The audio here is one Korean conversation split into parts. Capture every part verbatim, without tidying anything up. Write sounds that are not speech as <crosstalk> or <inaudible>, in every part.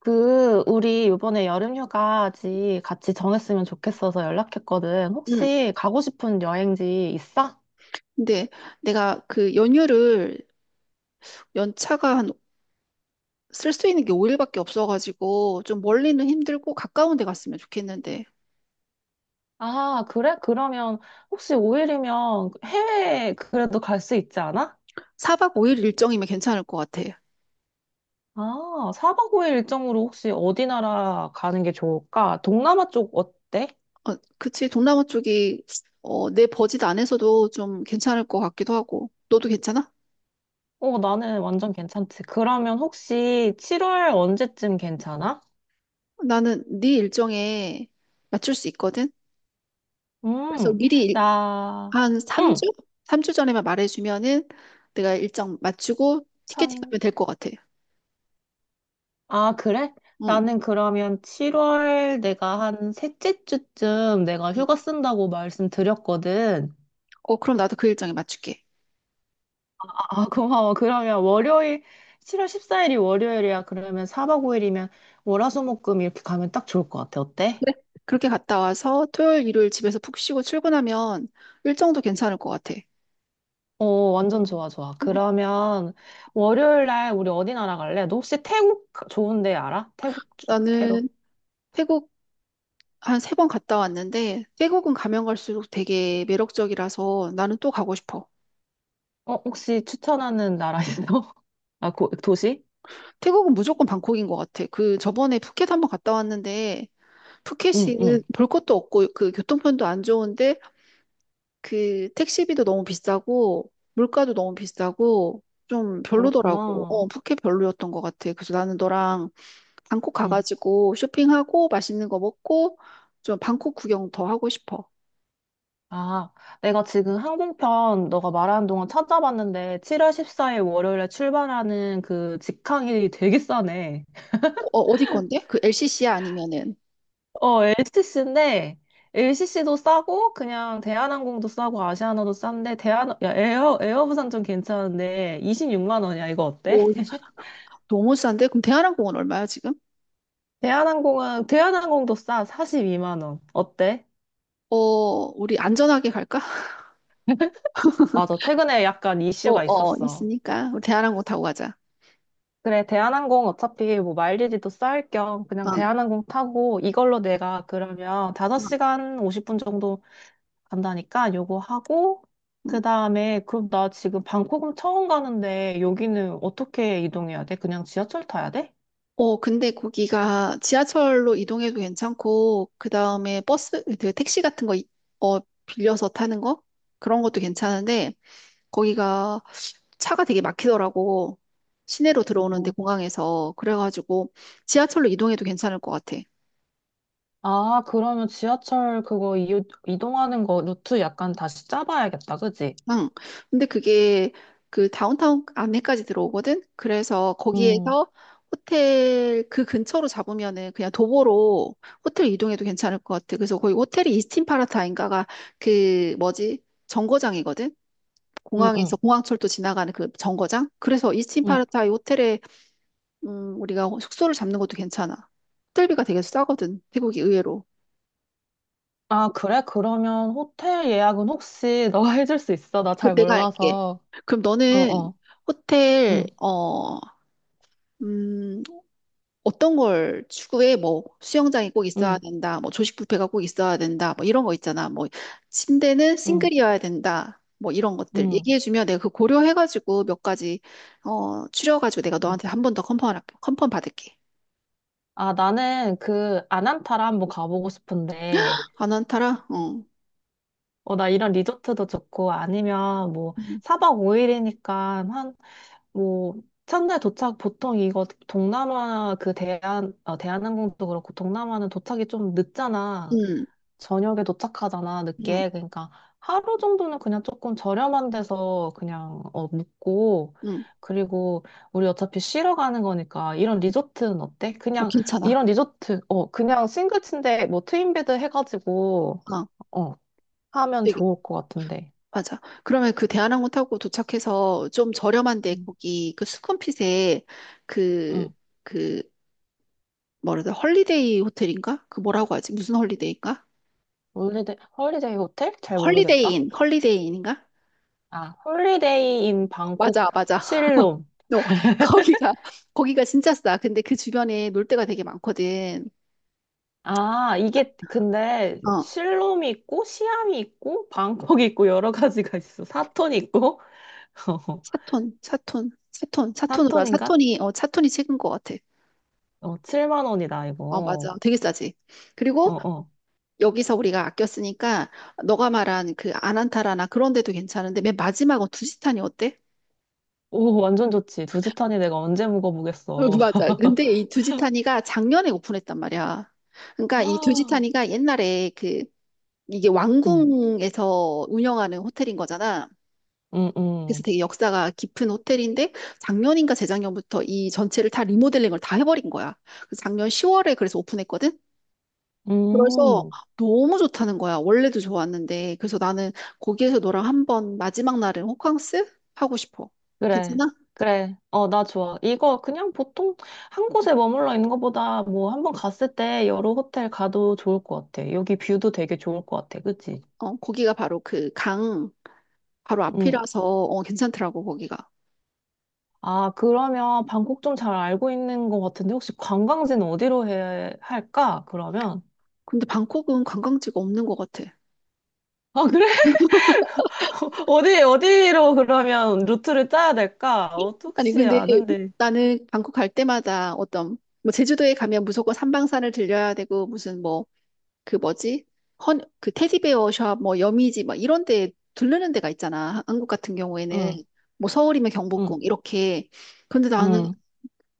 그, 우리 이번에 여름휴가지 같이 정했으면 좋겠어서 연락했거든. 응. 혹시 가고 싶은 여행지 있어? 근데 내가 그 연휴를 연차가 한 쓸 수 있는 게 오 일밖에 없어가지고 좀 멀리는 힘들고 가까운 데 갔으면 좋겠는데 아, 그래? 그러면 혹시 오 일이면 해외 그래도 갈 수 있지 않아? 사 박 오 일 일정이면 괜찮을 것 같아. 아, 사 박 오 일 일정으로 혹시 어디 나라 가는 게 좋을까? 동남아 쪽 어때? 어, 그치. 동남아 쪽이 어, 내 버짓 안에서도 좀 괜찮을 것 같기도 하고. 너도 괜찮아? 어, 나는 완전 괜찮지. 그러면 혹시 칠월 언제쯤 괜찮아? 나는 네 일정에 맞출 수 있거든. 그래서 음, 미리 일- 나, 한 삼 주? 응. 삼 주 전에만 말해주면은 내가 일정 맞추고 티켓팅 하면 될 것 같아. 아, 그래? 응. 나는 그러면 칠월 내가 한 셋째 주쯤 내가 응. 휴가 쓴다고 말씀드렸거든. 어, 그럼 나도 그 일정에 맞출게. 아, 고마워. 그러면 월요일, 칠월 십사 일이 월요일이야. 그러면 사 박 오 일이면 월화수목금 이렇게 가면 딱 좋을 것 같아. 어때? 그래? 그렇게 갔다 와서 토요일, 일요일 집에서 푹 쉬고 출근하면 일정도 괜찮을 것 같아. 어, 완전 좋아, 좋아. 어, 그러면 월요일 날 우리 어디 나라 갈래? 너 혹시 태국 좋은 데 알아? 태국, 주- 태국. 나는 태국 한 세 번 갔다 왔는데 태국은 가면 갈수록 되게 매력적이라서 나는 또 가고 싶어. 어, 혹시 추천하는 나라 있어? <laughs> 아, 고, 도시? 태국은 무조건 방콕인 것 같아. 그 저번에 푸켓 한번 갔다 왔는데 응, 푸켓이 응. 볼 것도 없고 그 교통편도 안 좋은데 그 택시비도 너무 비싸고 물가도 너무 비싸고 좀 별로더라고. 그렇구나. 어, 푸켓 별로였던 것 같아. 그래서 나는 너랑 방콕 응. 가가지고 쇼핑하고 맛있는 거 먹고 좀 방콕 구경 더 하고 싶어. 아, 내가 지금 항공편 너가 말하는 동안 찾아봤는데 칠월 십사 일 월요일에 출발하는 그 직항이 되게 싸네. 어, 어디 건데? 그 엘시시야 아니면은? 어, 엘씨씨인데 엘씨씨도 싸고 그냥 대한항공도 싸고 아시아나도 싼데 대한 야, 에어 에어부산 좀 괜찮은데 이십육만 원이야. 이거 어때? 오, 너무 싼데? 그럼 대한항공은 얼마야 지금? 대한항공은 대한항공도 싸. 사십이만 원. 어때? 어, 우리 안전하게 갈까? <laughs> 맞아. 최근에 약간 어, 이슈가 어, 있었어. 있으니까. 우리 대한항공 타고 가자. 그래, 대한항공 어차피 뭐 마일리지도 쌓을 겸 어, 그냥 어. 대한항공 타고 이걸로 내가 그러면 다섯 시간 오십 분 정도 간다니까 요거 하고 어. 그다음에 그럼 나 지금 방콕은 처음 가는데 여기는 어떻게 이동해야 돼? 그냥 지하철 타야 돼? 어, 근데 거기가 지하철로 이동해도 괜찮고, 그 다음에 버스, 그 택시 같은 거, 이- 어, 빌려서 타는 거? 그런 것도 괜찮은데, 거기가 차가 되게 막히더라고. 시내로 들어오는데, 음. 공항에서. 그래가지고, 지하철로 이동해도 괜찮을 것 같아. 아, 그러면 지하철 그거 이, 이동하는 거 루트 약간 다시 짜봐야겠다. 그지? 응. 근데 그게 그 다운타운 안에까지 들어오거든? 그래서 음, 거기에서 호텔 그 근처로 잡으면은 그냥 도보로 호텔 이동해도 괜찮을 것 같아. 그래서 거기 호텔이 이스틴 파라타인가가 그 뭐지? 정거장이거든? 음, 공항에서 음, 공항철도 지나가는 그 정거장? 그래서 이스틴 음. 파라타이 호텔에 음, 우리가 숙소를 잡는 것도 괜찮아. 호텔비가 되게 싸거든. 태국이 의외로. 아, 그래? 그러면 호텔 예약은 혹시 너가 <laughs> 해줄 수 있어? 나 그 잘 내가 알게. 몰라서. 그럼 어, 너는 어. 호텔 응. 어 음, 어떤 걸 추구해? 뭐 수영장이 꼭 있어야 응, 된다. 뭐 조식 뷔페가 꼭 있어야 된다. 뭐 이런 거 있잖아. 뭐 침대는 응, 싱글이어야 된다. 뭐 이런 것들 응. 얘기해주면 내가 그 고려해가지고 몇 가지 어 추려가지고 내가 응. 너한테 한 번 더 컨펌 할게. 컨펌 받을게. 아, 나는 그 아난타라 한번 가보고 싶은데, 안 한타라? 어. 어, 나 이런 리조트도 좋고, 아니면 뭐, 음. 사 박 오 일이니까 한, 뭐, 첫날 도착, 보통 이거 동남아 그 대한, 어, 대한항공도 그렇고, 동남아는 도착이 좀 늦잖아. 음. 저녁에 도착하잖아, 음. 늦게. 그러니까 하루 정도는 그냥 조금 저렴한 데서 그냥 어, 묵고, 음. 그리고 우리 어차피 쉬러 가는 거니까 이런 리조트는 어때? 어 그냥 괜찮아. 이런 리조트, 어, 그냥 싱글침대 뭐 트윈베드 해가지고, 어. 어, 하면 되게 좋을 것 같은데. 맞아. 그러면 그 대한항공 타고 도착해서 좀 저렴한데 음. 거기 그 수쿰핏에 그 응. 그 뭐라 해야 돼? 헐리데이 호텔인가? 그 뭐라고 하지? 무슨 헐리데이인가? 홀리데이, 홀리데이 호텔? 잘 모르겠다. 헐리데이인, 헐리데이인인가? 아, 홀리데이 인 방콕 맞아, 맞아. <laughs> 실롬. 너 거기가 거기가 진짜 싸. 근데 그 주변에 놀 데가 되게 많거든. 아, 이게 근데 어, 실롬이 있고 시암이 있고 방콕이 있고 여러 가지가 있어. 사톤 있고. <laughs> 사톤, 사톤, 사톤, 사톤으로 한 사톤인가? 사톤이 어 사톤이 최근 것 같아. 어, 칠만 원이다 어, 이거. 맞아. 되게 싸지. 어, 그리고 어. 여기서 우리가 아꼈으니까 너가 말한 그 아난타라나 그런 데도 괜찮은데 맨 마지막은 두지탄이 어때? 오, 완전 좋지. 두지탄이 내가 언제 어, 묵어보겠어. 맞아. <laughs> 근데 이 두지타니가 작년에 오픈했단 말이야. 그러니까 이 아, 두지타니가 옛날에 그 이게 응, 왕궁에서 운영하는 호텔인 거잖아. 응, 그래서 응. 되게 역사가 깊은 호텔인데 작년인가 재작년부터 이 전체를 다 리모델링을 다 해버린 거야. 그래서 작년 시월에 그래서 오픈했거든. 그래서 음, 너무 좋다는 거야. 원래도 좋았는데. 그래서 나는 거기에서 너랑 한번 마지막 날은 호캉스 하고 싶어. 그래. 괜찮아? 그래. 어, 나 좋아. 이거 그냥 보통 한 곳에 머물러 있는 것보다 뭐 한번 갔을 때 여러 호텔 가도 좋을 것 같아. 여기 뷰도 되게 좋을 것 같아. 그치? 어, 거기가 바로 그 강 바로 응, 앞이라서 어, 괜찮더라고 거기가. 아, 그러면 방콕 좀 잘 알고 있는 것 같은데 혹시 관광지는 어디로 해 할까? 그러면 근데 방콕은 관광지가 없는 것 같아. 아, 그래? <laughs> 어디 어디로 그러면 루트를 짜야 될까? 어, 아니, 혹시 근데 아는데. 나는 방콕 갈 때마다 어떤, 뭐, 제주도에 가면 무조건 삼방산을 들려야 되고, 무슨 뭐, 그 뭐지? 헌, 그 테디베어 샵, 뭐, 여미지, 막 이런 데 들르는 데가 있잖아. 한국 같은 응, 경우에는. 뭐, 서울이면 응, 경복궁, 이렇게. 근데 나는 응,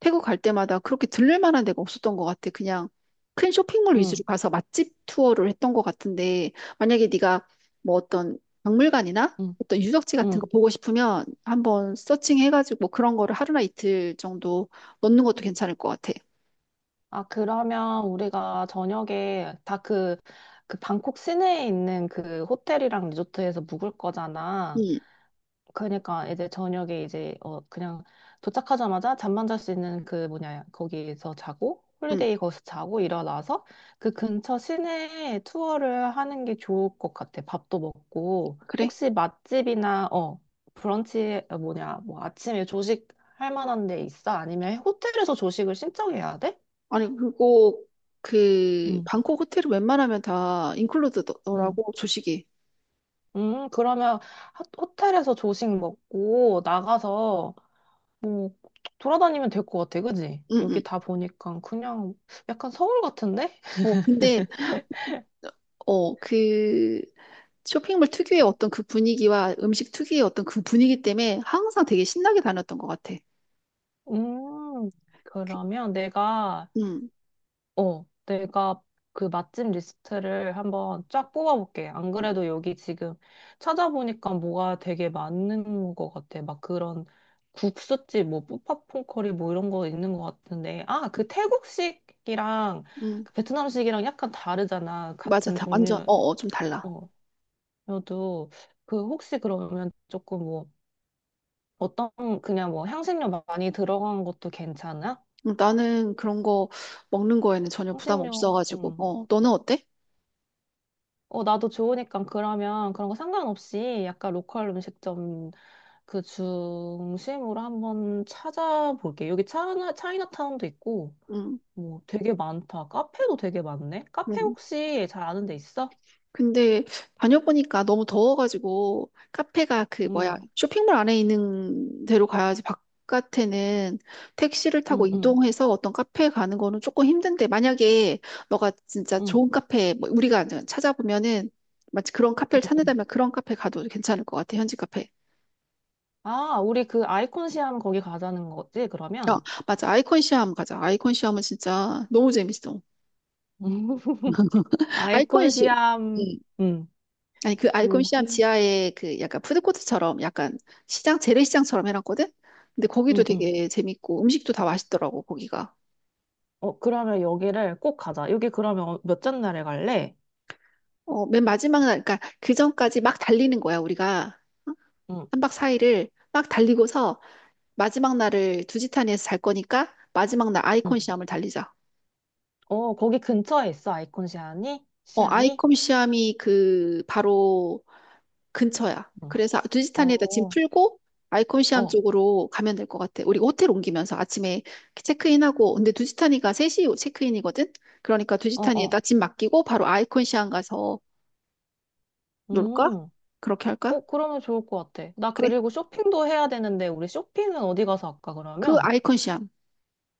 태국 갈 때마다 그렇게 들를 만한 데가 없었던 것 같아. 그냥 큰 쇼핑몰 위주로 응, 가서 맛집 투어를 했던 것 같은데, 만약에 네가 뭐 어떤 박물관이나 응, 어떤 유적지 같은 거 응. 보고 싶으면 한번 서칭해가지고 뭐 그런 거를 하루나 이틀 정도 넣는 것도 괜찮을 것 같아. 아, 그러면 우리가 저녁에 다 그 그 방콕 시내에 있는 그 호텔이랑 리조트에서 묵을 거잖아. 응, 그러니까 이제 저녁에 이제 어 그냥 도착하자마자 잠만 잘 수 있는 그 뭐냐 거기에서 자고 응, 홀리데이 거기서 자고 일어나서 그 근처 시내 투어를 하는 게 좋을 것 같아. 밥도 먹고 그래. 혹시 맛집이나 어 브런치 어, 뭐냐 뭐 아침에 조식 할 만한 데 있어? 아니면 호텔에서 조식을 신청해야 돼? 아니, 그리고 그 응, 방콕 호텔은 웬만하면 다 응. 인클루드더라고, 조식이. 음, 그러면 하- 호텔에서 조식 먹고 나가서 뭐 돌아다니면 될 것 같아, 그지? 응, 여기 응. 다 보니까 그냥 약간 서울 같은데? 어, 근데 어, 그 쇼핑몰 특유의 어떤 그 분위기와 음식 특유의 어떤 그 분위기 때문에 항상 되게 신나게 다녔던 것 같아. 음, 그- 그러면 내가, 음, 어, 내가 그 맛집 리스트를 한번 쫙 뽑아볼게. 안 음, 그래도 여기 지금 찾아보니까 뭐가 되게 많은 것 같아. 막 그런 국수집, 뭐, 푸팟퐁 커리 뭐 이런 거 있는 것 같은데. 아, 그 태국식이랑 음. 그 베트남식이랑 약간 다르잖아. 맞아. 같은 다 완전, 어, 종류. 어, 좀 달라. 어, 저도 그 혹시 그러면 조금 뭐 어떤 그냥 뭐 향신료 많이 들어간 것도 괜찮아? 음, 나는 그런 거 먹는 거에는 전혀 부담 향신료, 없어가지고, 음. 어, 너는 어때? 어, 나도 좋으니까 그러면 그런 거 상관없이 약간 로컬 음식점 그 중심으로 한번 찾아볼게. 여기 차이나, 차이나타운도 있고 음, 뭐 되게 많다. 카페도 되게 많네. 카페 음. 혹시 잘 아는 데 있어? 근데 다녀보니까 너무 더워가지고 카페가 그 뭐야 응, 쇼핑몰 안에 있는 데로 가야지 바깥에는 택시를 타고 응, 응, 이동해서 어떤 카페에 가는 거는 조금 힘든데 만약에 너가 진짜 응. 좋은 카페 뭐 우리가 이제 찾아보면은 마치 그런 응, 카페를 응. 찾는다면 그런 카페 가도 괜찮을 것 같아 현지 카페. 아, 우리 그 아이콘 시암 거기 가자는 거지, 어 그러면? 맞아 아이콘 시암 가자 아이콘 시암은 진짜 너무 재밌어 <laughs> 아이콘 아이콘 시암. 시암, 음, 아니 그 알콜 시암 여기, 지하에 그 약간 푸드코트처럼 약간 시장 재래시장처럼 해놨거든. 근데 거기도 음, 음. 되게 재밌고 음식도 다 맛있더라고 거기가. 어, 그러면 여기를 꼭 가자. 여기 그러면 어- 몇째 날에 갈래? 어, 맨 마지막 날 그러니까 그 전까지 막 달리는 거야 우리가 응, 한박사일을 막 달리고서 마지막 날을 두지타니에서 잘 거니까 마지막 날 응, 아이콘 시암을 달리자. 어, 거기 근처에 있어, 아이콘 시암이? 어 시암이? 아이콘 시암이 그 바로 근처야. 음. 그래서 두지타니에다 짐 어, 풀고 아이콘시암 어, 쪽으로 가면 될 것 같아. 우리 호텔 옮기면서 아침에 체크인하고 근데 두지타니가 세시 체크인이거든. 그러니까 어, 두지타니에다 어. 짐 맡기고 바로 아이콘시암 가서 놀까? 음, 그렇게 할까? 어, 그러면 좋을 것 같아. 나 그래. 그리고 쇼핑도 해야 되는데, 우리 쇼핑은 어디 가서 할까, 그 그러면? 아이콘시암.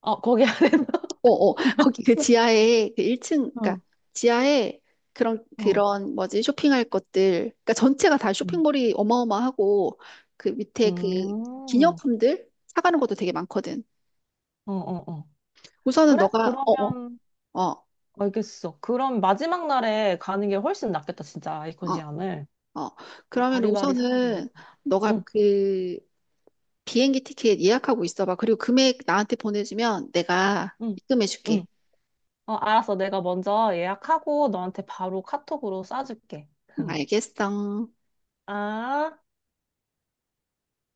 어, 거기 안에 <laughs> 어어. <laughs> 거기 그 지하에 그 일 층 그러니까 어, 지하에 그런 어. 그런 뭐지? 쇼핑할 것들. 그러니까 전체가 다 음, 쇼핑몰이 어마어마하고 그 밑에 그 음, 어, 기념품들 사가는 것도 되게 많거든. 어, 어. 우선은 그래? 너가 어어 그러면, 어 어 알겠어. 그럼 마지막 날에 가는 게 훨씬 낫겠다, 진짜, 어, 아이콘시암을. 어. 어. 그러면 바리바리 사야 되니까. 우선은 너가 응, 그 비행기 티켓 예약하고 있어봐. 그리고 금액 나한테 보내주면 내가 응, 응. 입금해줄게. 어, 알았어. 내가 먼저 예약하고 너한테 바로 카톡으로 쏴줄게. 응, <laughs> 알겠어. 아.